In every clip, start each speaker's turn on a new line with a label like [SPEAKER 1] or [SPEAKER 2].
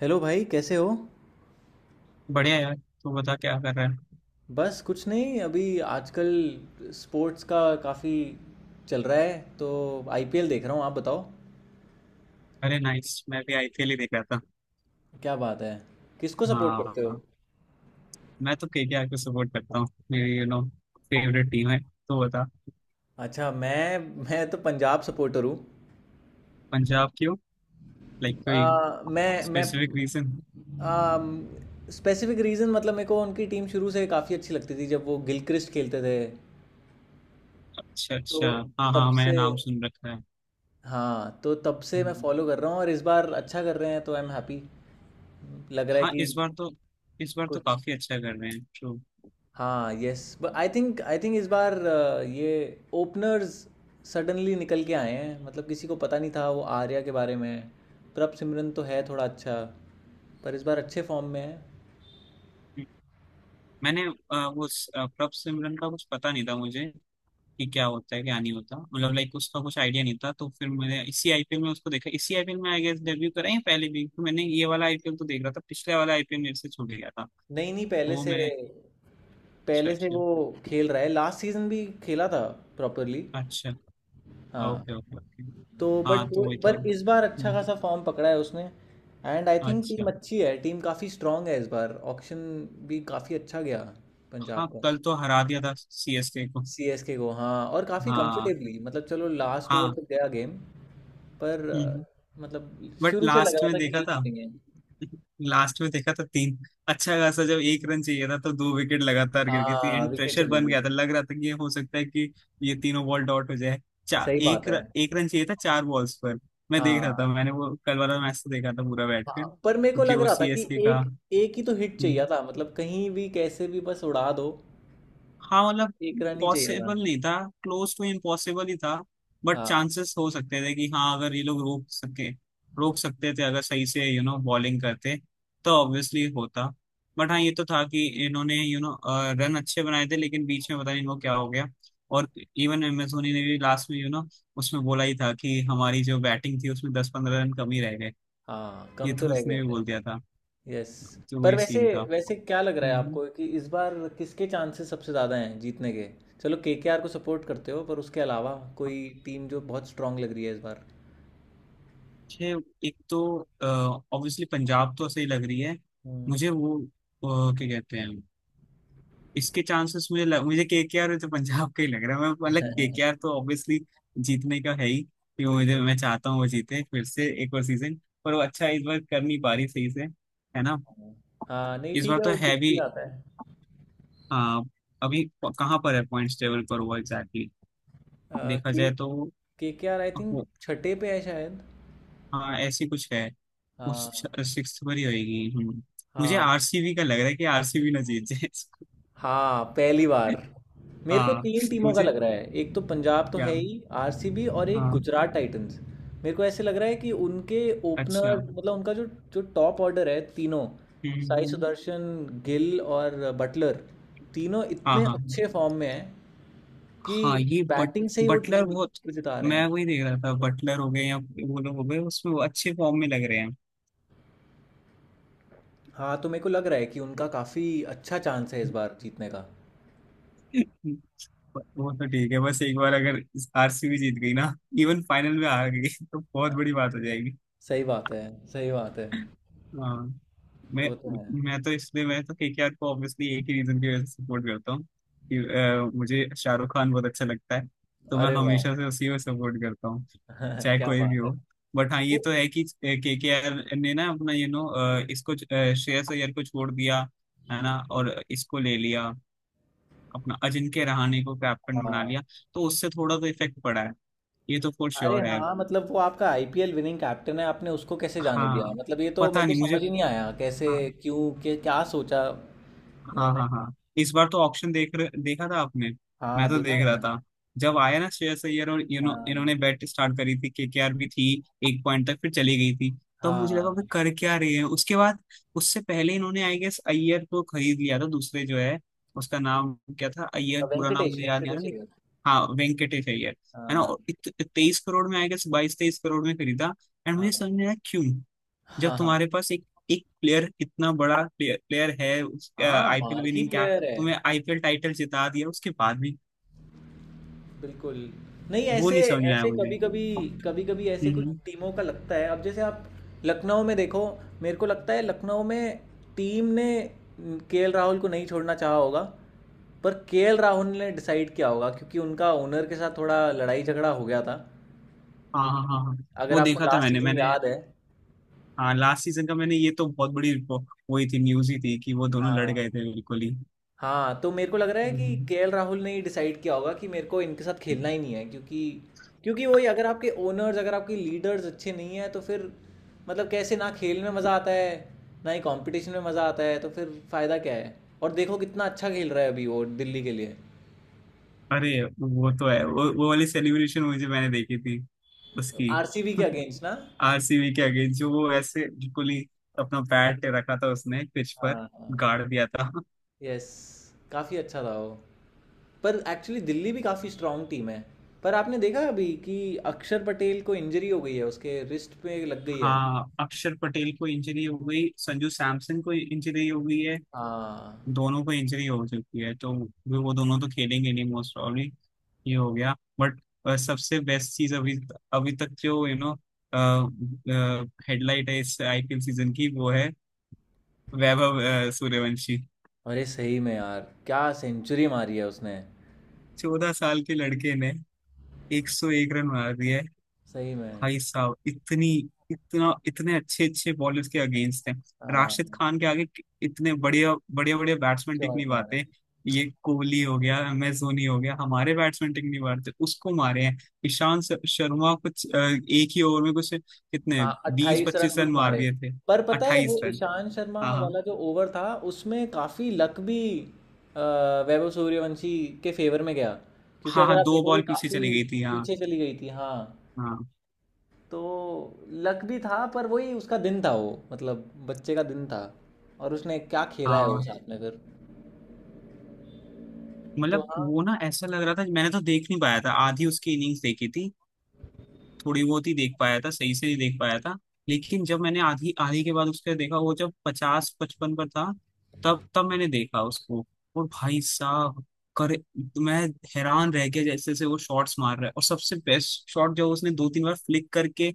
[SPEAKER 1] Hello भाई कैसे हो।
[SPEAKER 2] बढ़िया यार। तू बता क्या कर रहा है।
[SPEAKER 1] बस कुछ नहीं अभी आजकल स्पोर्ट्स का काफ़ी चल रहा है तो आईपीएल देख रहा हूँ। आप बताओ।
[SPEAKER 2] अरे नाइस, मैं भी आईपीएल ही देख रहा था।
[SPEAKER 1] क्या बात है, किसको सपोर्ट करते हो।
[SPEAKER 2] हाँ, मैं तो केकेआर को सपोर्ट करता हूँ। मेरी फेवरेट टीम है तो बता।
[SPEAKER 1] अच्छा, मैं तो पंजाब सपोर्टर हूँ।
[SPEAKER 2] पंजाब क्यों? लाइक, कोई
[SPEAKER 1] आ, मैं
[SPEAKER 2] स्पेसिफिक रीजन?
[SPEAKER 1] स्पेसिफिक रीज़न मतलब मेरे को उनकी टीम शुरू से काफ़ी अच्छी लगती थी जब वो गिलक्रिस्ट खेलते थे।
[SPEAKER 2] अच्छा
[SPEAKER 1] तो
[SPEAKER 2] अच्छा। हाँ
[SPEAKER 1] तब
[SPEAKER 2] हाँ, मैंने
[SPEAKER 1] से,
[SPEAKER 2] नाम सुन रखा है।
[SPEAKER 1] हाँ तो तब से मैं
[SPEAKER 2] हम्म।
[SPEAKER 1] फॉलो कर रहा हूँ और इस बार अच्छा कर रहे हैं तो आई एम हैप्पी। लग रहा है
[SPEAKER 2] हाँ,
[SPEAKER 1] कि
[SPEAKER 2] इस बार तो
[SPEAKER 1] कुछ,
[SPEAKER 2] काफी अच्छा कर रहे हैं। ट्रू।
[SPEAKER 1] हाँ यस बट आई थिंक इस बार ये ओपनर्स सडनली निकल के आए हैं, मतलब किसी को पता नहीं था वो आर्या के बारे में। प्रभ सिमरन तो है थोड़ा अच्छा, पर इस बार अच्छे फॉर्म में है।
[SPEAKER 2] मैंने प्रभ सिमरन का कुछ पता नहीं था मुझे। कि क्या होता है क्या नहीं होता, मतलब लाइक उसका कुछ आइडिया नहीं था, तो फिर मैंने इसी आईपीएल में उसको देखा। इसी आईपीएल में आई गेस डेब्यू करा या पहले भी। तो मैंने ये वाला आईपीएल तो देख रहा था, पिछले वाला आईपीएल मेरे से छूट गया था।
[SPEAKER 1] नहीं नहीं,
[SPEAKER 2] तो
[SPEAKER 1] पहले
[SPEAKER 2] वो
[SPEAKER 1] से,
[SPEAKER 2] मैंने। अच्छा
[SPEAKER 1] पहले से
[SPEAKER 2] अच्छा।
[SPEAKER 1] वो खेल रहा है, लास्ट सीजन भी खेला था प्रॉपरली।
[SPEAKER 2] अच्छा,
[SPEAKER 1] हाँ
[SPEAKER 2] ओके ओके ओके।
[SPEAKER 1] तो बट
[SPEAKER 2] हाँ, तो वही था।
[SPEAKER 1] पर इस बार अच्छा
[SPEAKER 2] हम्म।
[SPEAKER 1] खासा फॉर्म पकड़ा है उसने। एंड आई थिंक टीम
[SPEAKER 2] अच्छा।
[SPEAKER 1] अच्छी है, टीम काफ़ी स्ट्रांग है, इस बार ऑक्शन भी काफ़ी अच्छा गया
[SPEAKER 2] हाँ,
[SPEAKER 1] पंजाब।
[SPEAKER 2] कल तो हरा दिया था सीएसके को।
[SPEAKER 1] सीएसके को, हाँ, और काफ़ी
[SPEAKER 2] हाँ
[SPEAKER 1] कंफर्टेबली, मतलब चलो लास्ट ओवर
[SPEAKER 2] हाँ।
[SPEAKER 1] तक गया गेम, पर
[SPEAKER 2] हम्म।
[SPEAKER 1] मतलब
[SPEAKER 2] बट
[SPEAKER 1] शुरू से लग
[SPEAKER 2] लास्ट
[SPEAKER 1] रहा
[SPEAKER 2] में
[SPEAKER 1] था कि
[SPEAKER 2] देखा
[SPEAKER 1] यही
[SPEAKER 2] था,
[SPEAKER 1] जीतेंगे।
[SPEAKER 2] लास्ट में देखा था तीन। अच्छा खासा, जब 1 रन चाहिए था तो 2 विकेट लगातार गिर गई थी।
[SPEAKER 1] हाँ
[SPEAKER 2] एंड
[SPEAKER 1] विकेट
[SPEAKER 2] प्रेशर
[SPEAKER 1] चली
[SPEAKER 2] बन
[SPEAKER 1] गई।
[SPEAKER 2] गया था। लग रहा था कि ये हो सकता है कि ये तीनों बॉल डॉट हो जाए। चार,
[SPEAKER 1] सही बात है।
[SPEAKER 2] 1 रन चाहिए था 4 बॉल्स पर। मैं देख रहा
[SPEAKER 1] हाँ
[SPEAKER 2] था। मैंने वो कल वाला मैच तो देखा था पूरा बैठ कर,
[SPEAKER 1] हाँ पर मेरे को
[SPEAKER 2] क्योंकि
[SPEAKER 1] लग
[SPEAKER 2] वो
[SPEAKER 1] रहा था कि
[SPEAKER 2] सीएसके का।
[SPEAKER 1] एक एक ही तो हिट चाहिए था, मतलब कहीं भी कैसे भी बस उड़ा दो,
[SPEAKER 2] हाँ, मतलब
[SPEAKER 1] एक रन ही चाहिए था।
[SPEAKER 2] पॉसिबल नहीं था। क्लोज टू इम्पॉसिबल ही था। बट
[SPEAKER 1] हाँ
[SPEAKER 2] चांसेस हो सकते थे कि हाँ, अगर ये लोग रोक सके, रोक सकते थे अगर सही से बॉलिंग करते, तो ऑब्वियसली होता। बट हाँ, ये तो था कि इन्होंने रन अच्छे बनाए थे, लेकिन बीच में पता नहीं इनको क्या हो गया। और इवन एम एस धोनी ने भी लास्ट में उसमें बोला ही था कि हमारी जो बैटिंग थी उसमें 10-15 रन कम ही रह गए।
[SPEAKER 1] हाँ, कम
[SPEAKER 2] ये
[SPEAKER 1] तो
[SPEAKER 2] तो
[SPEAKER 1] रह गए
[SPEAKER 2] उसने भी बोल दिया
[SPEAKER 1] थे।
[SPEAKER 2] था।
[SPEAKER 1] यस।
[SPEAKER 2] तो
[SPEAKER 1] पर
[SPEAKER 2] वही
[SPEAKER 1] वैसे,
[SPEAKER 2] सीन था।
[SPEAKER 1] वैसे क्या लग रहा है
[SPEAKER 2] हम्म।
[SPEAKER 1] आपको कि इस बार किसके चांसेस सबसे ज़्यादा हैं जीतने के। चलो केकेआर को सपोर्ट करते हो, पर उसके अलावा कोई टीम जो बहुत स्ट्रांग लग रही है इस बार।
[SPEAKER 2] मुझे, एक तो ऑब्वियसली पंजाब तो सही लग रही है।
[SPEAKER 1] हम्म।
[SPEAKER 2] मुझे वो क्या कहते हैं। इसके चांसेस मुझे केकेआर तो पंजाब का ही लग रहा है। मैं मतलब केकेआर तो ऑब्वियसली जीतने का है ही। कि वो मुझे,
[SPEAKER 1] बिल्कुल।
[SPEAKER 2] मैं चाहता हूँ वो जीते फिर से एक और सीजन। पर वो अच्छा इस बार कर नहीं पा रही सही से। है ना?
[SPEAKER 1] हाँ नहीं
[SPEAKER 2] इस
[SPEAKER 1] ठीक
[SPEAKER 2] बार
[SPEAKER 1] है,
[SPEAKER 2] तो
[SPEAKER 1] वो
[SPEAKER 2] है
[SPEAKER 1] डिप
[SPEAKER 2] भी।
[SPEAKER 1] भी आता है।
[SPEAKER 2] हाँ। अभी कहाँ पर है पॉइंट्स टेबल पर वो एग्जैक्टली देखा
[SPEAKER 1] के
[SPEAKER 2] जाए तो?
[SPEAKER 1] केकेआर आई थिंक
[SPEAKER 2] वो-
[SPEAKER 1] छठे पे है शायद।
[SPEAKER 2] हाँ, ऐसी कुछ है।
[SPEAKER 1] हाँ।
[SPEAKER 2] सिक्स पर ही आएगी। हम्म। मुझे
[SPEAKER 1] हाँ,
[SPEAKER 2] आरसीबी का लग रहा है कि आरसीबी ना जीत जाए इसको।
[SPEAKER 1] हाँ पहली बार। मेरे को
[SPEAKER 2] हाँ।
[SPEAKER 1] तीन टीमों का
[SPEAKER 2] मुझे,
[SPEAKER 1] लग रहा है, एक तो पंजाब तो
[SPEAKER 2] क्या,
[SPEAKER 1] है ही, आरसीबी और एक
[SPEAKER 2] हाँ।
[SPEAKER 1] गुजरात टाइटंस। मेरे को ऐसे लग रहा है कि उनके ओपनर,
[SPEAKER 2] अच्छा।
[SPEAKER 1] मतलब उनका जो जो टॉप ऑर्डर है, तीनों साई
[SPEAKER 2] हम्म,
[SPEAKER 1] सुदर्शन, गिल और बटलर, तीनों
[SPEAKER 2] हाँ
[SPEAKER 1] इतने
[SPEAKER 2] हाँ
[SPEAKER 1] अच्छे फॉर्म में हैं कि
[SPEAKER 2] हाँ, ये बट।
[SPEAKER 1] बैटिंग से ही वो
[SPEAKER 2] बटलर
[SPEAKER 1] टीम
[SPEAKER 2] बहुत।
[SPEAKER 1] को जिता रहे
[SPEAKER 2] मैं
[SPEAKER 1] हैं।
[SPEAKER 2] वही देख रहा था। बटलर हो गए या वो लोग हो गए, उसमें वो अच्छे फॉर्म में लग रहे हैं।
[SPEAKER 1] हाँ, तो मेरे को लग रहा है कि उनका काफ़ी अच्छा चांस है इस बार जीतने का।
[SPEAKER 2] वो तो ठीक है, बस एक बार अगर आरसीबी जीत गई ना, इवन फाइनल में हार गई तो बहुत
[SPEAKER 1] हाँ,
[SPEAKER 2] बड़ी बात हो जाएगी।
[SPEAKER 1] सही बात है, सही बात है।
[SPEAKER 2] हाँ। मैं
[SPEAKER 1] वो तो है।
[SPEAKER 2] मैं तो इसलिए मैं तो केकेआर को ऑब्वियसली एक ही रीजन की वजह से सपोर्ट करता हूँ कि मुझे शाहरुख खान बहुत अच्छा लगता है। तो मैं
[SPEAKER 1] अरे वाह,
[SPEAKER 2] हमेशा से उसी को सपोर्ट करता हूँ, चाहे
[SPEAKER 1] क्या
[SPEAKER 2] कोई भी
[SPEAKER 1] बात है।
[SPEAKER 2] हो। बट हाँ, ये
[SPEAKER 1] वो,
[SPEAKER 2] तो है कि केकेआर ने ना अपना इसको श्रेयस अय्यर को छोड़ दिया। है ना? और इसको ले लिया, अपना अजिंक्य रहाणे को कैप्टन बना
[SPEAKER 1] हाँ,
[SPEAKER 2] लिया। तो उससे थोड़ा तो इफेक्ट पड़ा है। ये तो फॉर
[SPEAKER 1] अरे
[SPEAKER 2] श्योर है।
[SPEAKER 1] हाँ मतलब वो आपका आईपीएल विनिंग कैप्टन है, आपने उसको कैसे जाने दिया,
[SPEAKER 2] हाँ,
[SPEAKER 1] मतलब ये तो
[SPEAKER 2] पता
[SPEAKER 1] मेरे को
[SPEAKER 2] नहीं मुझे।
[SPEAKER 1] समझ ही नहीं आया कैसे।
[SPEAKER 2] हाँ।
[SPEAKER 1] क्यों, क्या क्या सोचा
[SPEAKER 2] हाँ
[SPEAKER 1] इन्होंने।
[SPEAKER 2] हाँ हाँ। इस बार तो देखा था आपने?
[SPEAKER 1] हाँ
[SPEAKER 2] मैं तो
[SPEAKER 1] देखा
[SPEAKER 2] देख रहा
[SPEAKER 1] मैंने।
[SPEAKER 2] था। जब आया ना श्रेयस अय्यर, और
[SPEAKER 1] हाँ
[SPEAKER 2] इन्होंने बैट स्टार्ट करी थी, केकेआर भी थी। एक पॉइंट तक फिर चली गई थी। तो मुझे लगा
[SPEAKER 1] हाँ,
[SPEAKER 2] भाई, कर क्या रहे हैं उसके बाद। उससे पहले इन्होंने आई गेस अय्यर को खरीद लिया था, दूसरे जो है। उसका नाम क्या था? अय्यर पूरा नाम
[SPEAKER 1] वेंकटेश
[SPEAKER 2] मुझे याद नहीं आ
[SPEAKER 1] वेंकटेश
[SPEAKER 2] रहा,
[SPEAKER 1] अय्यर।
[SPEAKER 2] लेकिन। हाँ, वेंकटेश अय्यर। है ना?
[SPEAKER 1] हाँ
[SPEAKER 2] और 23 करोड़ में, आई गेस, 22-23 करोड़ में खरीदा। एंड मुझे
[SPEAKER 1] हाँ।
[SPEAKER 2] समझ नहीं आया क्यों। जब
[SPEAKER 1] हाँ हाँ
[SPEAKER 2] तुम्हारे पास एक, एक प्लेयर, इतना बड़ा प्लेयर, प्लेयर है, उस
[SPEAKER 1] हाँ,
[SPEAKER 2] आईपीएल
[SPEAKER 1] बाहर की
[SPEAKER 2] विनिंग, क्या,
[SPEAKER 1] प्लेयर
[SPEAKER 2] तुम्हें
[SPEAKER 1] है।
[SPEAKER 2] आईपीएल टाइटल जिता दिया उसके बाद भी।
[SPEAKER 1] बिल्कुल, नहीं
[SPEAKER 2] वो
[SPEAKER 1] ऐसे,
[SPEAKER 2] नहीं समझ में आया
[SPEAKER 1] ऐसे
[SPEAKER 2] मुझे।
[SPEAKER 1] कभी-कभी, कभी-कभी ऐसे कुछ
[SPEAKER 2] हम्म।
[SPEAKER 1] टीमों का लगता है। अब जैसे आप लखनऊ में देखो, मेरे को लगता है लखनऊ में टीम ने केएल राहुल को नहीं छोड़ना चाहा होगा, पर केएल राहुल ने डिसाइड किया होगा क्योंकि उनका ओनर के साथ थोड़ा लड़ाई-झगड़ा हो गया था।
[SPEAKER 2] हाँ हाँ हाँ हाँ।
[SPEAKER 1] अगर
[SPEAKER 2] वो
[SPEAKER 1] आपको
[SPEAKER 2] देखा था
[SPEAKER 1] लास्ट
[SPEAKER 2] मैंने
[SPEAKER 1] सीज़न
[SPEAKER 2] मैंने
[SPEAKER 1] याद है।
[SPEAKER 2] हाँ, लास्ट सीजन का मैंने, ये तो बहुत बड़ी वही थी, न्यूज ही थी, कि वो दोनों लड़
[SPEAKER 1] हाँ।
[SPEAKER 2] गए थे बिल्कुल ही।
[SPEAKER 1] हाँ, तो मेरे को लग रहा है कि
[SPEAKER 2] हम्म।
[SPEAKER 1] केएल राहुल ने ही डिसाइड किया होगा कि मेरे को इनके साथ खेलना ही नहीं है, क्योंकि क्योंकि वही अगर आपके ओनर्स, अगर आपके लीडर्स अच्छे नहीं हैं तो फिर, मतलब कैसे ना खेल में मज़ा आता है ना ही कंपटीशन में मज़ा आता है, तो फिर फ़ायदा क्या है। और देखो कितना अच्छा खेल रहा है अभी वो दिल्ली के लिए,
[SPEAKER 2] अरे वो तो है। वो वाली सेलिब्रेशन मुझे, मैंने देखी थी उसकी।
[SPEAKER 1] आरसीबी के अगेंस्ट ना।
[SPEAKER 2] आरसीबी के अगेंस्ट जो वो ऐसे बिल्कुल ही अपना बैट रखा था उसने पिच
[SPEAKER 1] हाँ
[SPEAKER 2] पर,
[SPEAKER 1] हाँ।
[SPEAKER 2] गाड़ दिया था।
[SPEAKER 1] यस, काफ़ी अच्छा था वो। पर एक्चुअली दिल्ली भी काफ़ी स्ट्रांग टीम है। पर आपने देखा अभी कि अक्षर पटेल को इंजरी हो गई है, उसके रिस्ट पे लग गई है।
[SPEAKER 2] हाँ, अक्षर पटेल को इंजरी हो गई, संजू सैमसन को इंजरी हो गई है।
[SPEAKER 1] हाँ।
[SPEAKER 2] दोनों को इंजरी हो चुकी है, तो भी वो दोनों तो खेलेंगे नहीं मोस्ट प्रॉब्ली। ये हो गया। बट सबसे बेस्ट चीज अभी, अभी तक जो हेडलाइट है इस आईपीएल सीजन की, वो है वैभव सूर्यवंशी।
[SPEAKER 1] अरे सही में यार, क्या सेंचुरी मारी है उसने।
[SPEAKER 2] 14 साल के लड़के ने 101 रन मार दिए।
[SPEAKER 1] सही में।
[SPEAKER 2] भाई साहब, इतनी, इतना, इतने अच्छे अच्छे बॉलर्स के अगेंस्ट हैं। राशिद
[SPEAKER 1] हाँ
[SPEAKER 2] खान के आगे इतने बढ़िया बढ़िया बढ़िया बैट्समैन टिक नहीं
[SPEAKER 1] शॉट मारे।
[SPEAKER 2] पाते। ये कोहली हो गया, एम एस धोनी हो गया, हमारे बैट्समैन टिक नहीं पाते। उसको मारे हैं। शर्मा, कुछ एक ही ओवर में कुछ कितने,
[SPEAKER 1] हाँ
[SPEAKER 2] बीस
[SPEAKER 1] 28 रन
[SPEAKER 2] पच्चीस रन
[SPEAKER 1] कुछ
[SPEAKER 2] मार
[SPEAKER 1] मारे।
[SPEAKER 2] दिए थे।
[SPEAKER 1] पर पता है वो
[SPEAKER 2] 28 रन।
[SPEAKER 1] ईशान शर्मा
[SPEAKER 2] हाँ हाँ
[SPEAKER 1] वाला जो ओवर था, उसमें काफी लक भी अ, वैभव सूर्यवंशी के फेवर में गया, क्योंकि
[SPEAKER 2] हाँ
[SPEAKER 1] अगर
[SPEAKER 2] हाँ,
[SPEAKER 1] आप
[SPEAKER 2] दो
[SPEAKER 1] देखोगे
[SPEAKER 2] बॉल पीछे
[SPEAKER 1] काफी
[SPEAKER 2] चली गई थी। हाँ।
[SPEAKER 1] पीछे चली गई थी। हाँ
[SPEAKER 2] हाँ।
[SPEAKER 1] तो लक भी था, पर वही उसका दिन था, वो मतलब बच्चे का दिन था, और उसने क्या खेला है वो
[SPEAKER 2] हाँ,
[SPEAKER 1] साथ में फिर। तो
[SPEAKER 2] मतलब
[SPEAKER 1] हाँ।
[SPEAKER 2] वो ना ऐसा लग रहा था। मैंने तो देख नहीं पाया था, आधी उसकी इनिंग्स देखी थी। थोड़ी बहुत ही देख पाया था, सही से ही देख पाया था। लेकिन जब मैंने आधी, आधी के बाद उसके देखा, वो जब 50-55 पर था, तब तब मैंने देखा उसको। और भाई साहब करे, मैं हैरान रह गया जैसे से वो शॉट्स मार रहा है। और सबसे बेस्ट शॉट जो उसने 2-3 बार फ्लिक करके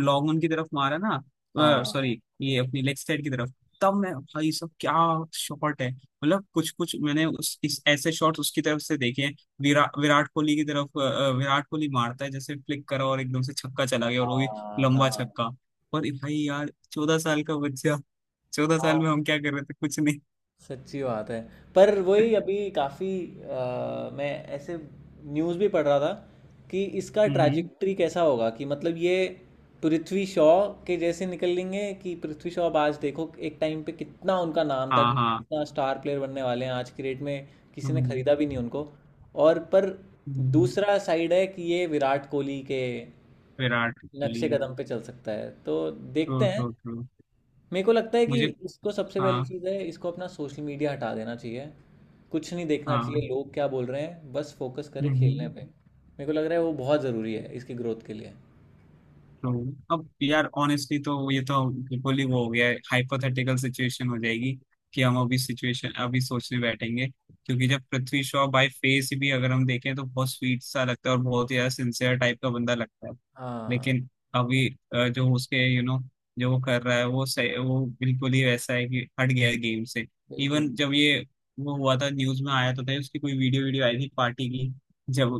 [SPEAKER 2] लॉन्ग ऑन की तरफ मारा, ना
[SPEAKER 1] हाँ
[SPEAKER 2] सॉरी, ये अपनी लेग साइड की तरफ। तब मैं, भाई साहब, क्या शॉट है, मतलब कुछ कुछ मैंने उस इस ऐसे शॉट्स उसकी तरफ से देखे हैं। विराट कोहली की तरफ विराट कोहली मारता है जैसे, फ्लिक करा और एकदम से छक्का चला गया, और वो भी
[SPEAKER 1] हाँ
[SPEAKER 2] लंबा
[SPEAKER 1] हाँ
[SPEAKER 2] छक्का। पर भाई यार, 14 साल का बच्चा, 14 साल
[SPEAKER 1] हाँ,
[SPEAKER 2] में हम क्या कर रहे थे? कुछ नहीं।
[SPEAKER 1] सच्ची बात है। पर वही अभी काफ़ी, मैं ऐसे न्यूज़ भी पढ़ रहा था कि इसका
[SPEAKER 2] हम्म।
[SPEAKER 1] ट्रैजेक्टरी कैसा होगा, कि मतलब ये पृथ्वी शॉ के जैसे निकलेंगे, कि पृथ्वी शॉ अब आज देखो एक टाइम पे कितना उनका नाम था
[SPEAKER 2] हाँ
[SPEAKER 1] कि
[SPEAKER 2] हाँ।
[SPEAKER 1] कितना स्टार प्लेयर बनने वाले हैं, आज की डेट में किसी ने
[SPEAKER 2] हम्म।
[SPEAKER 1] खरीदा भी नहीं उनको, और पर
[SPEAKER 2] हम्म,
[SPEAKER 1] दूसरा साइड है कि ये विराट कोहली के
[SPEAKER 2] विराट
[SPEAKER 1] नक्शे
[SPEAKER 2] कोहली।
[SPEAKER 1] कदम पे चल सकता है, तो
[SPEAKER 2] ट्रू
[SPEAKER 1] देखते
[SPEAKER 2] ट्रू
[SPEAKER 1] हैं।
[SPEAKER 2] ट्रू।
[SPEAKER 1] मेरे को लगता है कि
[SPEAKER 2] मुझे,
[SPEAKER 1] इसको सबसे पहली
[SPEAKER 2] हाँ
[SPEAKER 1] चीज़ है, इसको अपना सोशल मीडिया हटा देना चाहिए, कुछ नहीं देखना चाहिए
[SPEAKER 2] हाँ,
[SPEAKER 1] लोग क्या बोल रहे हैं, बस फोकस करें खेलने
[SPEAKER 2] हम्म।
[SPEAKER 1] पे। मेरे को लग रहा है वो बहुत ज़रूरी है इसकी ग्रोथ के लिए।
[SPEAKER 2] तो अब यार, ऑनेस्टली तो ये तो बिल्कुल ही वो हो गया है। हाइपोथेटिकल सिचुएशन हो जाएगी कि हम अभी सिचुएशन अभी सोचने बैठेंगे, क्योंकि जब पृथ्वी शॉ बाय फेस भी अगर हम देखें तो बहुत स्वीट सा लगता है और बहुत ही ज्यादा सिंसियर टाइप का बंदा लगता है।
[SPEAKER 1] हाँ
[SPEAKER 2] लेकिन अभी जो उसके जो वो कर रहा है, वो सही, वो बिल्कुल ही वैसा है कि हट गया है गेम से।
[SPEAKER 1] बिल्कुल।
[SPEAKER 2] इवन जब ये वो हुआ था, न्यूज में आया तो था, उसकी कोई वीडियो, वीडियो आई थी पार्टी की, जब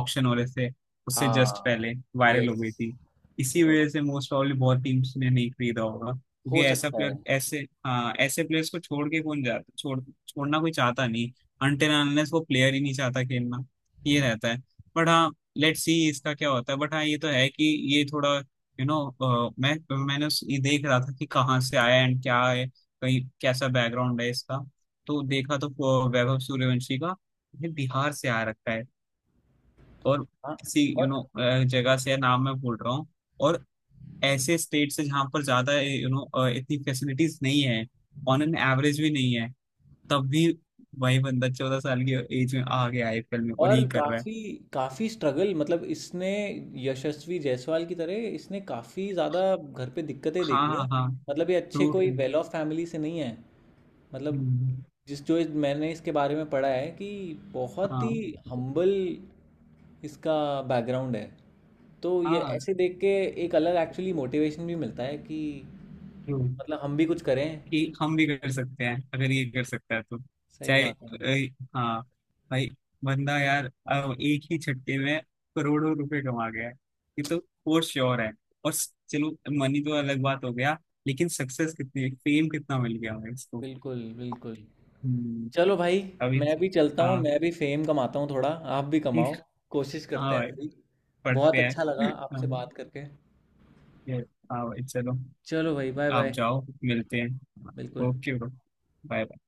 [SPEAKER 2] ऑक्शन हो रहे थे, उससे जस्ट
[SPEAKER 1] हाँ।
[SPEAKER 2] पहले वायरल हो गई
[SPEAKER 1] यस,
[SPEAKER 2] थी। इसी वजह से मोस्ट प्रॉब्ली बहुत टीम्स ने नहीं खरीदा होगा,
[SPEAKER 1] हो
[SPEAKER 2] क्योंकि ऐसा
[SPEAKER 1] सकता है।
[SPEAKER 2] प्लेयर ऐसे। हाँ, ऐसे प्लेयर्स को छोड़ के कौन जाता? छोड़ना कोई चाहता नहीं। अनटिल अनलेस वो प्लेयर ही नहीं चाहता खेलना। ये रहता है। बट हाँ, लेट्स सी इसका क्या होता है। बट हाँ, ये तो है कि ये थोड़ा यू नो मैं ये देख रहा था कि कहाँ से आया एंड क्या है, कहीं कैसा बैकग्राउंड है इसका। तो देखा तो वैभव सूर्यवंशी का ये बिहार से आ रखा है। और
[SPEAKER 1] हाँ।
[SPEAKER 2] किसी जगह से है, नाम मैं भूल रहा हूँ। और ऐसे स्टेट से जहाँ पर ज्यादा इतनी फैसिलिटीज नहीं है, ऑन एन एवरेज भी नहीं है। तब भी वही बंदा 14 साल की एज में आ गया आईपीएल में और
[SPEAKER 1] और
[SPEAKER 2] ये कर रहा है।
[SPEAKER 1] काफ़ी काफ़ी स्ट्रगल मतलब इसने, यशस्वी जायसवाल की तरह इसने काफ़ी ज़्यादा घर पे दिक्कतें
[SPEAKER 2] हाँ
[SPEAKER 1] देखी है,
[SPEAKER 2] हाँ हाँ।
[SPEAKER 1] मतलब ये अच्छे
[SPEAKER 2] ट्रू
[SPEAKER 1] कोई वेल ऑफ फैमिली से नहीं है।
[SPEAKER 2] ट्रू।
[SPEAKER 1] मतलब मैंने इसके बारे में पढ़ा है कि बहुत ही
[SPEAKER 2] हाँ
[SPEAKER 1] हम्बल इसका बैकग्राउंड है। तो ये
[SPEAKER 2] हाँ।
[SPEAKER 1] ऐसे देख के एक अलग एक्चुअली मोटिवेशन भी मिलता है कि
[SPEAKER 2] ट्रू।
[SPEAKER 1] मतलब हम भी कुछ करें।
[SPEAKER 2] कि हम भी कर सकते हैं अगर ये कर सकता है तो।
[SPEAKER 1] सही
[SPEAKER 2] चाहे
[SPEAKER 1] बात है।
[SPEAKER 2] हाँ भाई, बंदा यार अब एक ही झटके में करोड़ों रुपए कमा गया है। ये तो फॉर श्योर है। और चलो, मनी तो अलग बात हो गया, लेकिन सक्सेस कितनी, फेम कितना मिल गया भाई इसको।
[SPEAKER 1] बिल्कुल बिल्कुल।
[SPEAKER 2] हम्म।
[SPEAKER 1] चलो भाई
[SPEAKER 2] अभी,
[SPEAKER 1] मैं भी चलता हूँ,
[SPEAKER 2] हाँ।
[SPEAKER 1] मैं भी फेम कमाता हूँ थोड़ा, आप भी कमाओ। कोशिश
[SPEAKER 2] हाँ
[SPEAKER 1] करते हैं
[SPEAKER 2] भाई,
[SPEAKER 1] हम भी। बहुत
[SPEAKER 2] पढ़ते
[SPEAKER 1] अच्छा लगा
[SPEAKER 2] हैं।
[SPEAKER 1] आपसे
[SPEAKER 2] हाँ
[SPEAKER 1] बात करके।
[SPEAKER 2] ये- हाँ भाई, चलो।
[SPEAKER 1] चलो भाई, बाय
[SPEAKER 2] आप
[SPEAKER 1] बाय।
[SPEAKER 2] जाओ, मिलते हैं।
[SPEAKER 1] बिल्कुल।
[SPEAKER 2] Okay bro, bye.